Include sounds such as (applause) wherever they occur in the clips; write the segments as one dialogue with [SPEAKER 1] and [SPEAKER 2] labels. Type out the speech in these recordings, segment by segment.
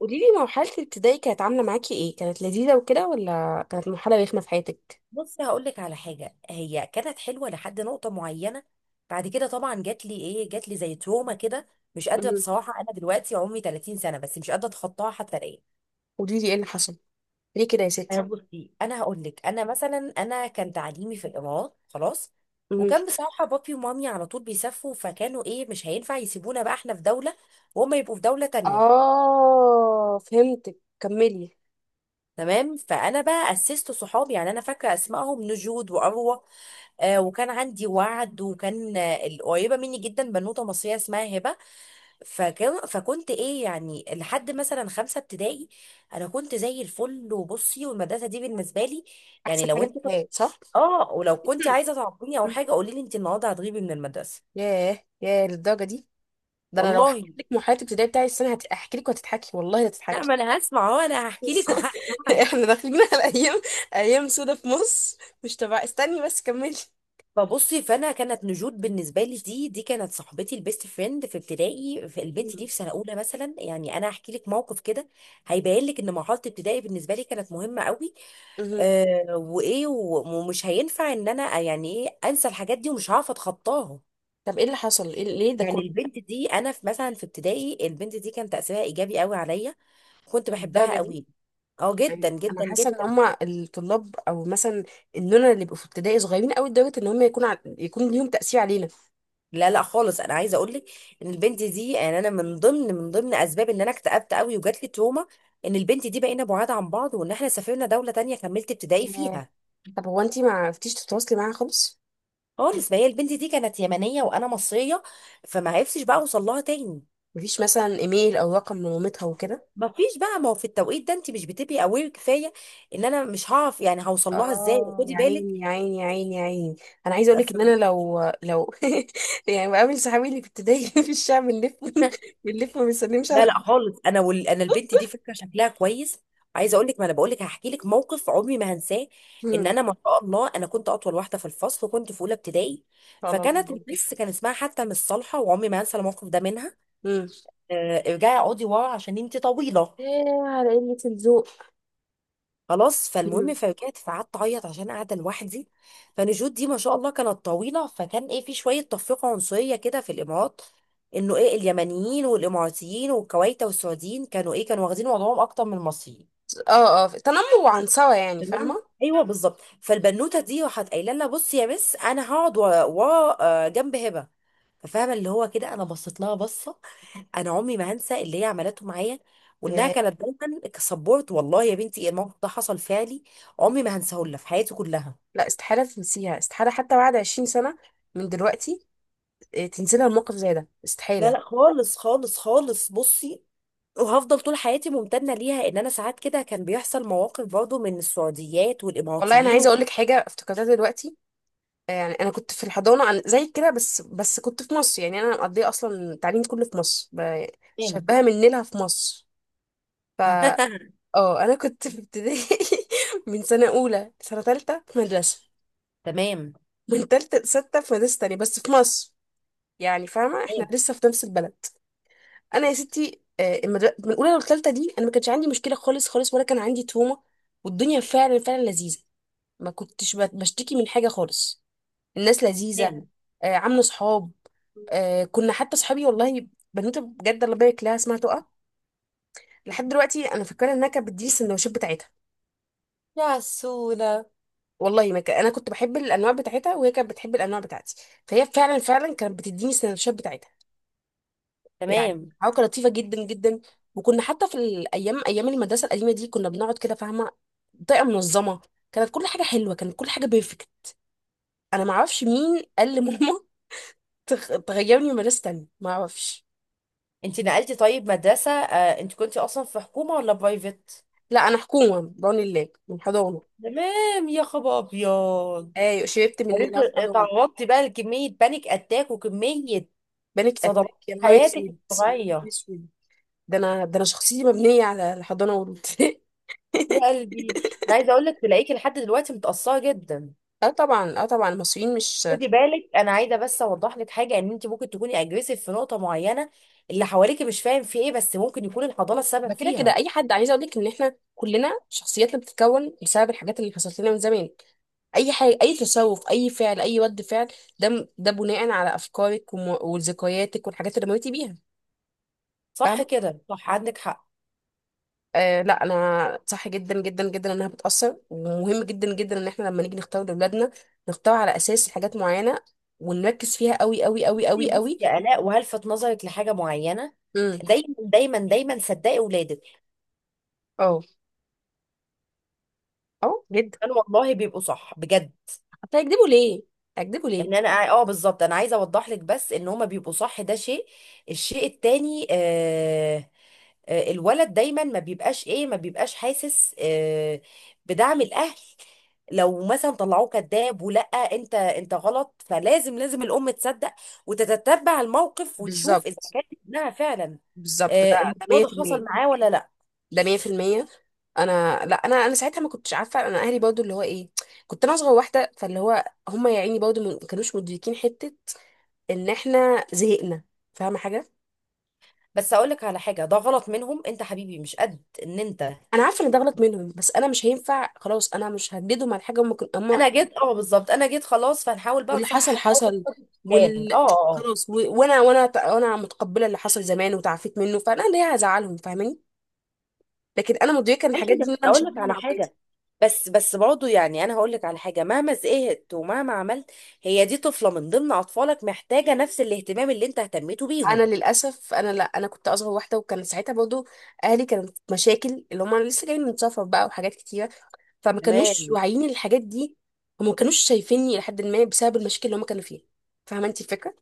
[SPEAKER 1] قولي لي مرحلة الابتدائي كانت عاملة معاكي ايه؟ كانت لذيذة وكده ولا كانت مرحلة رخمة في حياتك؟
[SPEAKER 2] بص هقول لك على حاجه، هي كانت حلوه لحد نقطه معينه. بعد كده طبعا جات لي جات لي زي تروما كده. مش قادره
[SPEAKER 1] مهم.
[SPEAKER 2] بصراحه، انا دلوقتي عمري 30 سنه بس مش قادره اتخطاها حتى الان.
[SPEAKER 1] قولي لي ايه اللي حصل؟ ليه كده يا
[SPEAKER 2] انا
[SPEAKER 1] ستي؟
[SPEAKER 2] بصي انا هقول لك، انا مثلا كان تعليمي في الامارات. خلاص،
[SPEAKER 1] مهم.
[SPEAKER 2] وكان بصراحه بابي ومامي على طول بيسافروا، فكانوا مش هينفع يسيبونا بقى احنا في دوله وهم يبقوا في دوله تانية.
[SPEAKER 1] اه، فهمتك، كملي.
[SPEAKER 2] تمام، فانا بقى اسست صحابي، يعني انا فاكره اسمائهم نجود واروى. وكان عندي وعد، وكان القريبه مني جدا بنوته مصريه اسمها هبه. فكنت يعني لحد مثلا خمسه ابتدائي انا كنت زي الفل. وبصي، والمدرسه دي بالنسبه لي يعني
[SPEAKER 1] احسن
[SPEAKER 2] لو
[SPEAKER 1] حاجة في
[SPEAKER 2] انت كنت،
[SPEAKER 1] الحياة، صح؟
[SPEAKER 2] اه، ولو كنت
[SPEAKER 1] مهم.
[SPEAKER 2] عايزه تعاقبيني او
[SPEAKER 1] مهم.
[SPEAKER 2] حاجه قولي لي انت النهارده هتغيبي من المدرسه.
[SPEAKER 1] ياه ياه، للدرجة دي. ده انا لو
[SPEAKER 2] والله.
[SPEAKER 1] حكيت لك مرحلة الابتدائي بتاعي السنة هحكي لك وهتضحكي، والله
[SPEAKER 2] لا،
[SPEAKER 1] هتضحكي.
[SPEAKER 2] ما انا هسمع اهو، انا هحكي لك (laughs)
[SPEAKER 1] (laughs)
[SPEAKER 2] وهسمعك.
[SPEAKER 1] احنا داخلين على ايام، ايام سودة في مصر. مش تبع، استني بس كملي.
[SPEAKER 2] فبصي، فانا كانت نجود بالنسبه لي، دي كانت صاحبتي البيست فريند في ابتدائي. في البنت دي
[SPEAKER 1] مهم.
[SPEAKER 2] في سنه اولى مثلا، يعني انا هحكي لك موقف كده هيبين لك ان مرحله ابتدائي بالنسبه لي كانت مهمه قوي.
[SPEAKER 1] مهم.
[SPEAKER 2] آه ومش هينفع ان انا يعني انسى الحاجات دي ومش هعرف اتخطاها.
[SPEAKER 1] طب ايه اللي حصل؟ ليه ده
[SPEAKER 2] يعني
[SPEAKER 1] كله؟
[SPEAKER 2] البنت دي، انا في ابتدائي البنت دي كان تاثيرها ايجابي قوي عليا، كنت
[SPEAKER 1] للدرجة
[SPEAKER 2] بحبها
[SPEAKER 1] دي؟
[SPEAKER 2] قوي. اه، جدا
[SPEAKER 1] يعني انا
[SPEAKER 2] جدا
[SPEAKER 1] حاسه ان
[SPEAKER 2] جدا.
[SPEAKER 1] هما الطلاب او مثلا اننا اللي بيبقوا في ابتدائي صغيرين قوي لدرجه ان هما يكون ليهم تاثير علينا.
[SPEAKER 2] لا لا خالص، انا عايزه اقول لك ان البنت دي، يعني انا من ضمن اسباب ان انا اكتئبت قوي وجات لي تروما، ان البنت دي بقينا بعاد عن بعض، وان احنا سافرنا دوله تانية كملت ابتدائي
[SPEAKER 1] آه،
[SPEAKER 2] فيها.
[SPEAKER 1] طب هو انتي ما عرفتيش تتواصلي معاها خالص؟
[SPEAKER 2] خالص، فهي البنت دي كانت يمنيه وانا مصريه، فما عرفتش بقى اوصل لها تاني.
[SPEAKER 1] مفيش مثلا ايميل او رقم لمامتها وكده؟
[SPEAKER 2] ما فيش بقى، ما هو في التوقيت ده انت مش بتبقي اوير كفايه ان انا مش هعرف يعني هوصل لها ازاي،
[SPEAKER 1] اه،
[SPEAKER 2] خدي
[SPEAKER 1] يا عيني
[SPEAKER 2] بالك.
[SPEAKER 1] يا عيني يا عيني يا عيني. انا عايزه اقول لك ان انا لو (laughs) يعني بقابل صحابي اللي في ابتدائي (laughs) في الشارع بنلف، (laughs) بنلف ما بنسلمش
[SPEAKER 2] لا
[SPEAKER 1] على.
[SPEAKER 2] لا خالص، انا البنت دي فكره شكلها كويس. عايزه اقول لك، ما انا بقول لك هحكي لك موقف عمري ما هنساه، ان
[SPEAKER 1] مم.
[SPEAKER 2] انا ما شاء الله انا كنت اطول واحده في الفصل وكنت في اولى ابتدائي.
[SPEAKER 1] على
[SPEAKER 2] فكانت
[SPEAKER 1] الله اكبر.
[SPEAKER 2] المس كان اسمها حتى مش صالحه، وعمري ما هنسى الموقف ده منها.
[SPEAKER 1] مم.
[SPEAKER 2] آه، ارجعي اقعدي ورا عشان انت طويله.
[SPEAKER 1] ايه على قله الذوق!
[SPEAKER 2] خلاص،
[SPEAKER 1] مم.
[SPEAKER 2] فالمهم فرجعت فقعدت اعيط عشان قاعده لوحدي. فنجود دي ما شاء الله كانت طويله، فكان في شويه تفرقه عنصريه كده في الامارات، انه اليمنيين والاماراتيين والكويت والسعوديين كانوا كانوا واخدين وضعهم اكتر من المصريين.
[SPEAKER 1] اه، اه، تنمر وعنصرة يعني،
[SPEAKER 2] تمام.
[SPEAKER 1] فاهمه.
[SPEAKER 2] ايوه بالظبط، فالبنوته دي راحت قايله لها بصي يا مس انا هقعد ورا ورا، آه، جنب هبه. فاهمه اللي هو كده، انا بصيت لها بصه، انا عمري ما هنسى اللي هي عملته معايا، وانها كانت دايما كسبورت. والله يا بنتي الموقف ده حصل فعلي، عمري ما هنساه لها في حياتي كلها.
[SPEAKER 1] لا، استحالة تنسيها، استحالة حتى بعد 20 سنة من دلوقتي. آه، تنسينا الموقف زي ده
[SPEAKER 2] لا
[SPEAKER 1] استحالة.
[SPEAKER 2] لا خالص خالص خالص، بصي، وهفضل طول حياتي ممتنه ليها، ان انا ساعات كده كان بيحصل مواقف برضه من السعوديات
[SPEAKER 1] والله أنا
[SPEAKER 2] والاماراتيين
[SPEAKER 1] عايزة
[SPEAKER 2] و...
[SPEAKER 1] أقولك حاجة افتكرتها دلوقتي. آه، يعني أنا كنت في الحضانة أنا زي كده، بس كنت في مصر. يعني أنا مقضية أصلا تعليمي كله في مصر
[SPEAKER 2] تمام.
[SPEAKER 1] شبهها من نيلها في مصر. ف
[SPEAKER 2] (laughs)
[SPEAKER 1] اه أنا كنت في ابتدائي، (laughs) من سنة أولى سنة تالتة في مدرسة،
[SPEAKER 2] تمام
[SPEAKER 1] من تالتة لستة في مدرسة تانية بس في مصر. يعني فاهمة احنا لسه في نفس البلد. انا يا ستي، آه، من الاولى للثالثه دي انا ما كانش عندي مشكله خالص خالص، ولا كان عندي تومه. والدنيا فعلا فعلا لذيذه. ما كنتش بشتكي من حاجه خالص. الناس لذيذه.
[SPEAKER 2] تمام.
[SPEAKER 1] آه، عامله صحاب. آه، كنا حتى صحابي، والله. بنوته بجد الله يبارك لها اسمها تقى. لحد دلوقتي انا فاكره انها كانت بتديني السندوتشات بتاعتها.
[SPEAKER 2] يا سولا.
[SPEAKER 1] والله ما كان، انا كنت بحب الانواع بتاعتها، وهي كانت بتحب الانواع بتاعتي. فهي فعلا فعلا كانت بتديني السندوتشات بتاعتها. يعني
[SPEAKER 2] تمام.
[SPEAKER 1] حاجه كانت لطيفه جدا جدا. وكنا حتى في الايام، ايام المدرسه القديمه دي، كنا بنقعد كده، فاهمه، بطريقه منظمه. كانت كل حاجه حلوه، كانت كل حاجه بيرفكت. انا ما اعرفش مين قال لماما (laughs) تغيرني مدرسه تانية، ما اعرفش.
[SPEAKER 2] انت نقلتي طيب مدرسة، آه، انت كنتي اصلا في حكومة ولا برايفت؟
[SPEAKER 1] لا انا حكومه بعون الله من حضانه.
[SPEAKER 2] تمام يا خبر ابيض.
[SPEAKER 1] ايوه شربت من
[SPEAKER 2] انت
[SPEAKER 1] اللي في حضانه.
[SPEAKER 2] اتعرضتي بقى لكمية بانيك اتاك وكمية
[SPEAKER 1] بانيك
[SPEAKER 2] صدمات
[SPEAKER 1] اتاك، يا
[SPEAKER 2] في
[SPEAKER 1] نهار
[SPEAKER 2] حياتك
[SPEAKER 1] اسود. يا نهار
[SPEAKER 2] الصغيرة.
[SPEAKER 1] اسود! ده انا شخصيتي مبنيه على الحضانه والابتدائي.
[SPEAKER 2] يا قلبي. انا عايزة اقول لك تلاقيكي لحد دلوقتي متأثرة جدا.
[SPEAKER 1] (laughs) اه طبعا، اه طبعا، المصريين مش.
[SPEAKER 2] خدي بالك انا عايزة بس اوضح لك حاجة، ان انت ممكن تكوني اجريسيف في نقطة معينة، اللي حواليكي مش فاهم في ايه، بس ممكن يكون الحضانة السبب
[SPEAKER 1] ده كده كده
[SPEAKER 2] فيها.
[SPEAKER 1] اي حد، عايز اقول لك ان احنا كلنا شخصياتنا بتتكون بسبب الحاجات اللي حصلت لنا من زمان. اي حاجه، اي تصرف، اي فعل، اي رد فعل، ده بناء على افكارك وذكرياتك والحاجات اللي مريتي بيها،
[SPEAKER 2] صح
[SPEAKER 1] فاهمه؟
[SPEAKER 2] كده، صح عندك حق.
[SPEAKER 1] آه، لا، انا صح جدا جدا جدا انها بتاثر، ومهم جدا جدا ان احنا لما نيجي نختار لاولادنا، نختار على اساس حاجات معينه، ونركز فيها قوي قوي قوي
[SPEAKER 2] بصي
[SPEAKER 1] قوي
[SPEAKER 2] بصي
[SPEAKER 1] قوي.
[SPEAKER 2] يا آلاء، وهلفت نظرك لحاجة معينة.
[SPEAKER 1] امم.
[SPEAKER 2] دايما دايما دايما صدقي ولادك،
[SPEAKER 1] اه، اه جدا.
[SPEAKER 2] كانوا والله بيبقوا صح بجد.
[SPEAKER 1] هتكذبوا ليه؟ هتكذبوا ليه؟
[SPEAKER 2] يعني انا، اه، بالظبط، انا عايزه اوضح لك بس ان هما بيبقوا صح، ده شيء. الشيء التاني آه، آه الولد دايما ما بيبقاش حاسس آه بدعم الاهل، لو مثلا طلعوه كذاب ولا انت انت غلط، فلازم لازم الام تصدق وتتتبع الموقف وتشوف اذا
[SPEAKER 1] بالظبط،
[SPEAKER 2] كانت ابنها فعلا
[SPEAKER 1] بالظبط،
[SPEAKER 2] آه،
[SPEAKER 1] ده
[SPEAKER 2] الموضوع ده
[SPEAKER 1] 100%.
[SPEAKER 2] حصل معاه ولا لا.
[SPEAKER 1] ده 100%. انا، لا، انا ساعتها ما كنتش عارفه. انا اهلي برضو اللي هو ايه؟ كنت انا اصغر واحده، فاللي هو هم يا عيني برضو ما كانوش مدركين حته ان احنا زهقنا، فاهمه حاجه؟
[SPEAKER 2] بس اقول لك على حاجه، ده غلط منهم، انت حبيبي مش قد ان انت.
[SPEAKER 1] انا عارفه ان ده غلط منهم، بس انا مش هينفع، خلاص، انا مش هجددهم على حاجه. هم.
[SPEAKER 2] انا جيت، اه بالظبط، انا جيت، خلاص، فهنحاول بقى
[SPEAKER 1] واللي حصل
[SPEAKER 2] نصحح الموقف
[SPEAKER 1] حصل.
[SPEAKER 2] قدر الامكان.
[SPEAKER 1] وال
[SPEAKER 2] اه اه آه.
[SPEAKER 1] خلاص وانا وانا متقبله اللي حصل زمان، وتعافيت منه، فانا ليه هزعلهم، فاهماني؟ لكن انا مدركه ان الحاجات
[SPEAKER 2] ماشي.
[SPEAKER 1] دي،
[SPEAKER 2] بس
[SPEAKER 1] إن انا مش
[SPEAKER 2] اقول لك
[SPEAKER 1] هعملها
[SPEAKER 2] على
[SPEAKER 1] مع.
[SPEAKER 2] حاجه، بس برضه يعني انا هقول لك على حاجه، مهما زهقت ومهما عملت هي دي طفله من ضمن اطفالك، محتاجه نفس الاهتمام اللي انت اهتميته
[SPEAKER 1] انا
[SPEAKER 2] بيهم.
[SPEAKER 1] للاسف، انا، لا، انا كنت اصغر واحده، وكان ساعتها برضو اهلي كانت مشاكل، اللي هم لسه جايين من سفر بقى وحاجات كتيره، فما كانوش
[SPEAKER 2] تمام.
[SPEAKER 1] واعيين الحاجات دي، وما كانوش شايفيني لحد ما، بسبب المشاكل اللي هم كانوا فيها. فاهمه انت الفكره؟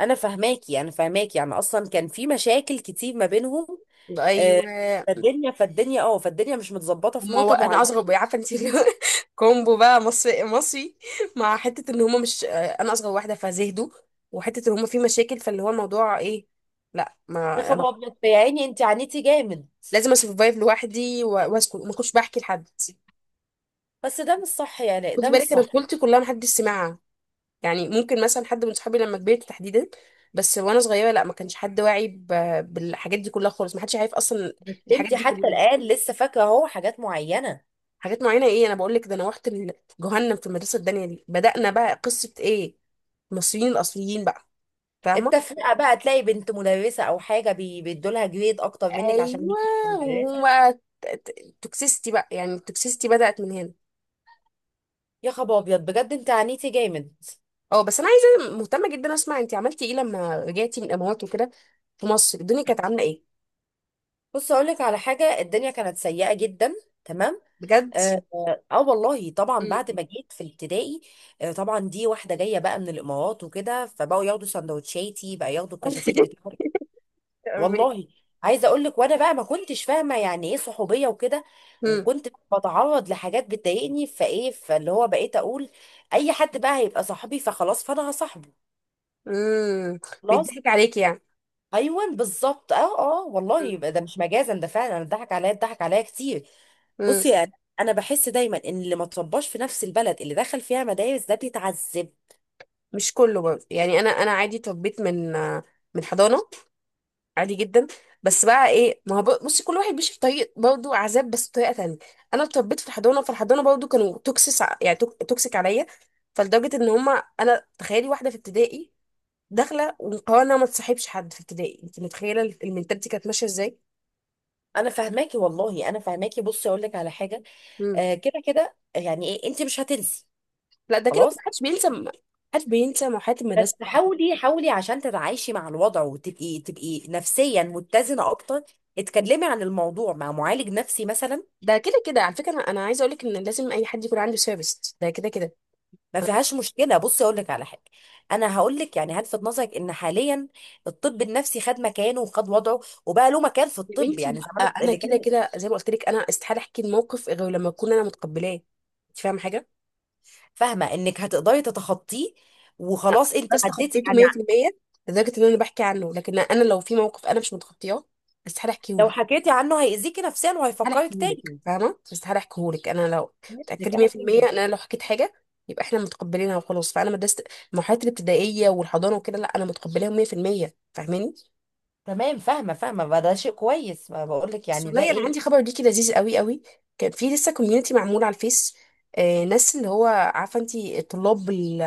[SPEAKER 2] انا فهماكي انا فهماكي، يعني اصلا كان في مشاكل كتير ما بينهم. آه،
[SPEAKER 1] ايوه.
[SPEAKER 2] فالدنيا مش متظبطه في نقطه
[SPEAKER 1] انا
[SPEAKER 2] معينه.
[SPEAKER 1] اصغر، عارفه انت، (laughs) اللي هو كومبو بقى، مصري مصري، مع حته ان هم، مش انا اصغر واحده فزهدوا، وحته ان هم في مشاكل، فاللي هو الموضوع ايه؟ لا،
[SPEAKER 2] يا
[SPEAKER 1] ما انا
[SPEAKER 2] خبر ابيض يا عيني انت عانيتي جامد.
[SPEAKER 1] لازم اسرفايف لوحدي واسكت، وما كنتش بحكي لحد.
[SPEAKER 2] بس ده مش صح، يعني
[SPEAKER 1] خدي
[SPEAKER 2] ده مش
[SPEAKER 1] بالك انا
[SPEAKER 2] صح.
[SPEAKER 1] طفولتي كلها محدش سمعها. يعني ممكن مثلا حد من صحابي لما كبرت تحديدا، بس وانا صغيره لا ما كانش حد واعي بالحاجات دي كلها خالص. ما حدش عارف اصلا الحاجات
[SPEAKER 2] انت
[SPEAKER 1] دي
[SPEAKER 2] حتى
[SPEAKER 1] كلها.
[SPEAKER 2] الآن لسه فاكرة اهو حاجات معينة.
[SPEAKER 1] حاجات معينه ايه، انا بقول لك ده انا رحت جهنم في المدرسه. الدنيا دي بدأنا بقى قصه ايه؟ المصريين الاصليين بقى، فاهمه؟
[SPEAKER 2] التفرقة بقى، تلاقي بنت مدرسة او حاجة بيدولها جريد اكتر منك عشان هي
[SPEAKER 1] ايوه.
[SPEAKER 2] مدرسة.
[SPEAKER 1] وبقى توكسيستي بقى، يعني التوكسيستي بدأت من هنا.
[SPEAKER 2] يا خبر ابيض بجد انت عانيتي جامد.
[SPEAKER 1] اه. بس انا عايزه مهتمه جدا اسمع، انت عملتي ايه لما رجعتي من الامارات وكده؟ في مصر الدنيا كانت عامله ايه؟
[SPEAKER 2] بص اقول لك على حاجة، الدنيا كانت سيئة جدا. تمام.
[SPEAKER 1] بجد.
[SPEAKER 2] اه, آه آه والله طبعا، بعد ما جيت في ابتدائي، آه طبعا، دي واحدة جاية بقى من الامارات وكده، فبقوا ياخدوا سندوتشاتي بقى، ياخدوا الكشاكيل
[SPEAKER 1] (laughs)
[SPEAKER 2] بتاعتي. والله. عايزه اقول لك، وانا بقى ما كنتش فاهمه يعني ايه صحوبيه وكده،
[SPEAKER 1] مم.
[SPEAKER 2] وكنت بتعرض لحاجات بتضايقني، فايه، فاللي هو بقيت اقول اي حد بقى هيبقى صاحبي فخلاص فانا هصاحبه.
[SPEAKER 1] مم.
[SPEAKER 2] خلاص.
[SPEAKER 1] بيضحك عليك يعني.
[SPEAKER 2] ايوه بالظبط، اه اه، والله،
[SPEAKER 1] مم.
[SPEAKER 2] يبقى ده مش مجازا ده فعلا، انا اتضحك عليا اتضحك عليا كتير.
[SPEAKER 1] مم.
[SPEAKER 2] بصي، انا بحس دايما ان اللي ما ترباش في نفس البلد اللي دخل فيها مدارس ده بيتعذب.
[SPEAKER 1] مش كله برضه، يعني انا عادي اتربيت من، آه، من حضانه، عادي جدا. بس بقى ايه، ما هو بصي كل واحد بيمشي في طريق، برضه عذاب بس بطريقه تانية. انا اتربيت في الحضانه، فالحضانه برضه كانوا توكسيس، يعني توكسيك عليا. فلدرجه ان هما، انا تخيلي واحده في ابتدائي داخله ومقررة انها ما تصاحبش حد في ابتدائي. انت متخيله المنتاليتي كانت ماشيه ازاي؟
[SPEAKER 2] انا فاهماكي والله انا فاهماكي، بصي اقول لك على حاجه،
[SPEAKER 1] مم.
[SPEAKER 2] آه كده كده يعني ايه، انت مش هتنسي
[SPEAKER 1] لا، ده كده
[SPEAKER 2] خلاص.
[SPEAKER 1] ما حدش بينسى، ما حدش بينسى محاضرات
[SPEAKER 2] بس
[SPEAKER 1] المدرسه.
[SPEAKER 2] حاولي حاولي عشان تتعايشي مع الوضع وتبقي نفسيا متزنه اكتر. اتكلمي عن الموضوع مع معالج نفسي مثلا،
[SPEAKER 1] ده كده كده على فكره، انا عايزه اقول لك ان لازم اي حد يكون عنده سيرفيس. ده كده كده.
[SPEAKER 2] ما فيهاش مشكله. بصي اقول لك على حاجه، انا هقول لك، يعني هلفت نظرك ان حاليا الطب النفسي خد مكانه وخد وضعه وبقى له مكان في
[SPEAKER 1] يا
[SPEAKER 2] الطب.
[SPEAKER 1] بنتي،
[SPEAKER 2] يعني
[SPEAKER 1] آه،
[SPEAKER 2] زمان
[SPEAKER 1] انا
[SPEAKER 2] اللي
[SPEAKER 1] كده
[SPEAKER 2] كان،
[SPEAKER 1] كده زي ما قلت لك، انا استحاله احكي الموقف غير لما اكون انا متقبلاه، انت فاهمه حاجه؟
[SPEAKER 2] فاهمه انك هتقدري تتخطيه، وخلاص انت
[SPEAKER 1] بس
[SPEAKER 2] عديتي
[SPEAKER 1] تخطيته
[SPEAKER 2] يعني.
[SPEAKER 1] 100%، لدرجه ان انا بحكي عنه، لكن انا لو في موقف انا مش متخطياه استحاله احكيه
[SPEAKER 2] لو
[SPEAKER 1] لك.
[SPEAKER 2] حكيتي عنه هيأذيكي نفسيا
[SPEAKER 1] استحاله
[SPEAKER 2] وهيفكرك
[SPEAKER 1] احكيه لك،
[SPEAKER 2] تاني.
[SPEAKER 1] فاهمه، استحاله احكيه لك. انا لو
[SPEAKER 2] فهمتك
[SPEAKER 1] متاكده
[SPEAKER 2] انا
[SPEAKER 1] 100% ان
[SPEAKER 2] فهمتك.
[SPEAKER 1] انا لو حكيت حاجه يبقى احنا متقبلينها، وخلاص. فانا مدرسه المرحله الابتدائيه والحضانه وكده، لا، انا متقبلاهم 100%، فاهماني؟
[SPEAKER 2] تمام فاهمه فاهمه بقى، ده شيء كويس، ما بقول لك
[SPEAKER 1] بس
[SPEAKER 2] يعني ده
[SPEAKER 1] والله انا
[SPEAKER 2] ايه.
[SPEAKER 1] عندي خبر ليكي لذيذ قوي قوي. كان في لسه كوميونتي معمول على الفيس. آه، ناس اللي هو عارفه انت، طلاب ال-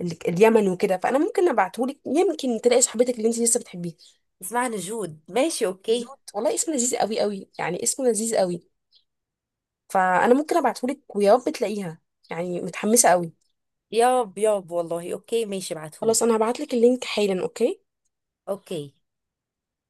[SPEAKER 1] ال- اليمن وكده، فانا ممكن ابعتهولك، يمكن تلاقي صاحبتك اللي انت لسه بتحبيها.
[SPEAKER 2] اسمعني جود، ماشي اوكي.
[SPEAKER 1] جود، والله اسم لذيذ قوي قوي، يعني اسمه لذيذ قوي. فانا ممكن ابعتهولك ويا رب تلاقيها. يعني متحمسه قوي.
[SPEAKER 2] ياب ياب والله اوكي ماشي،
[SPEAKER 1] خلاص،
[SPEAKER 2] ابعتهولي.
[SPEAKER 1] انا هبعتلك اللينك حالا. اوكي.
[SPEAKER 2] اوكي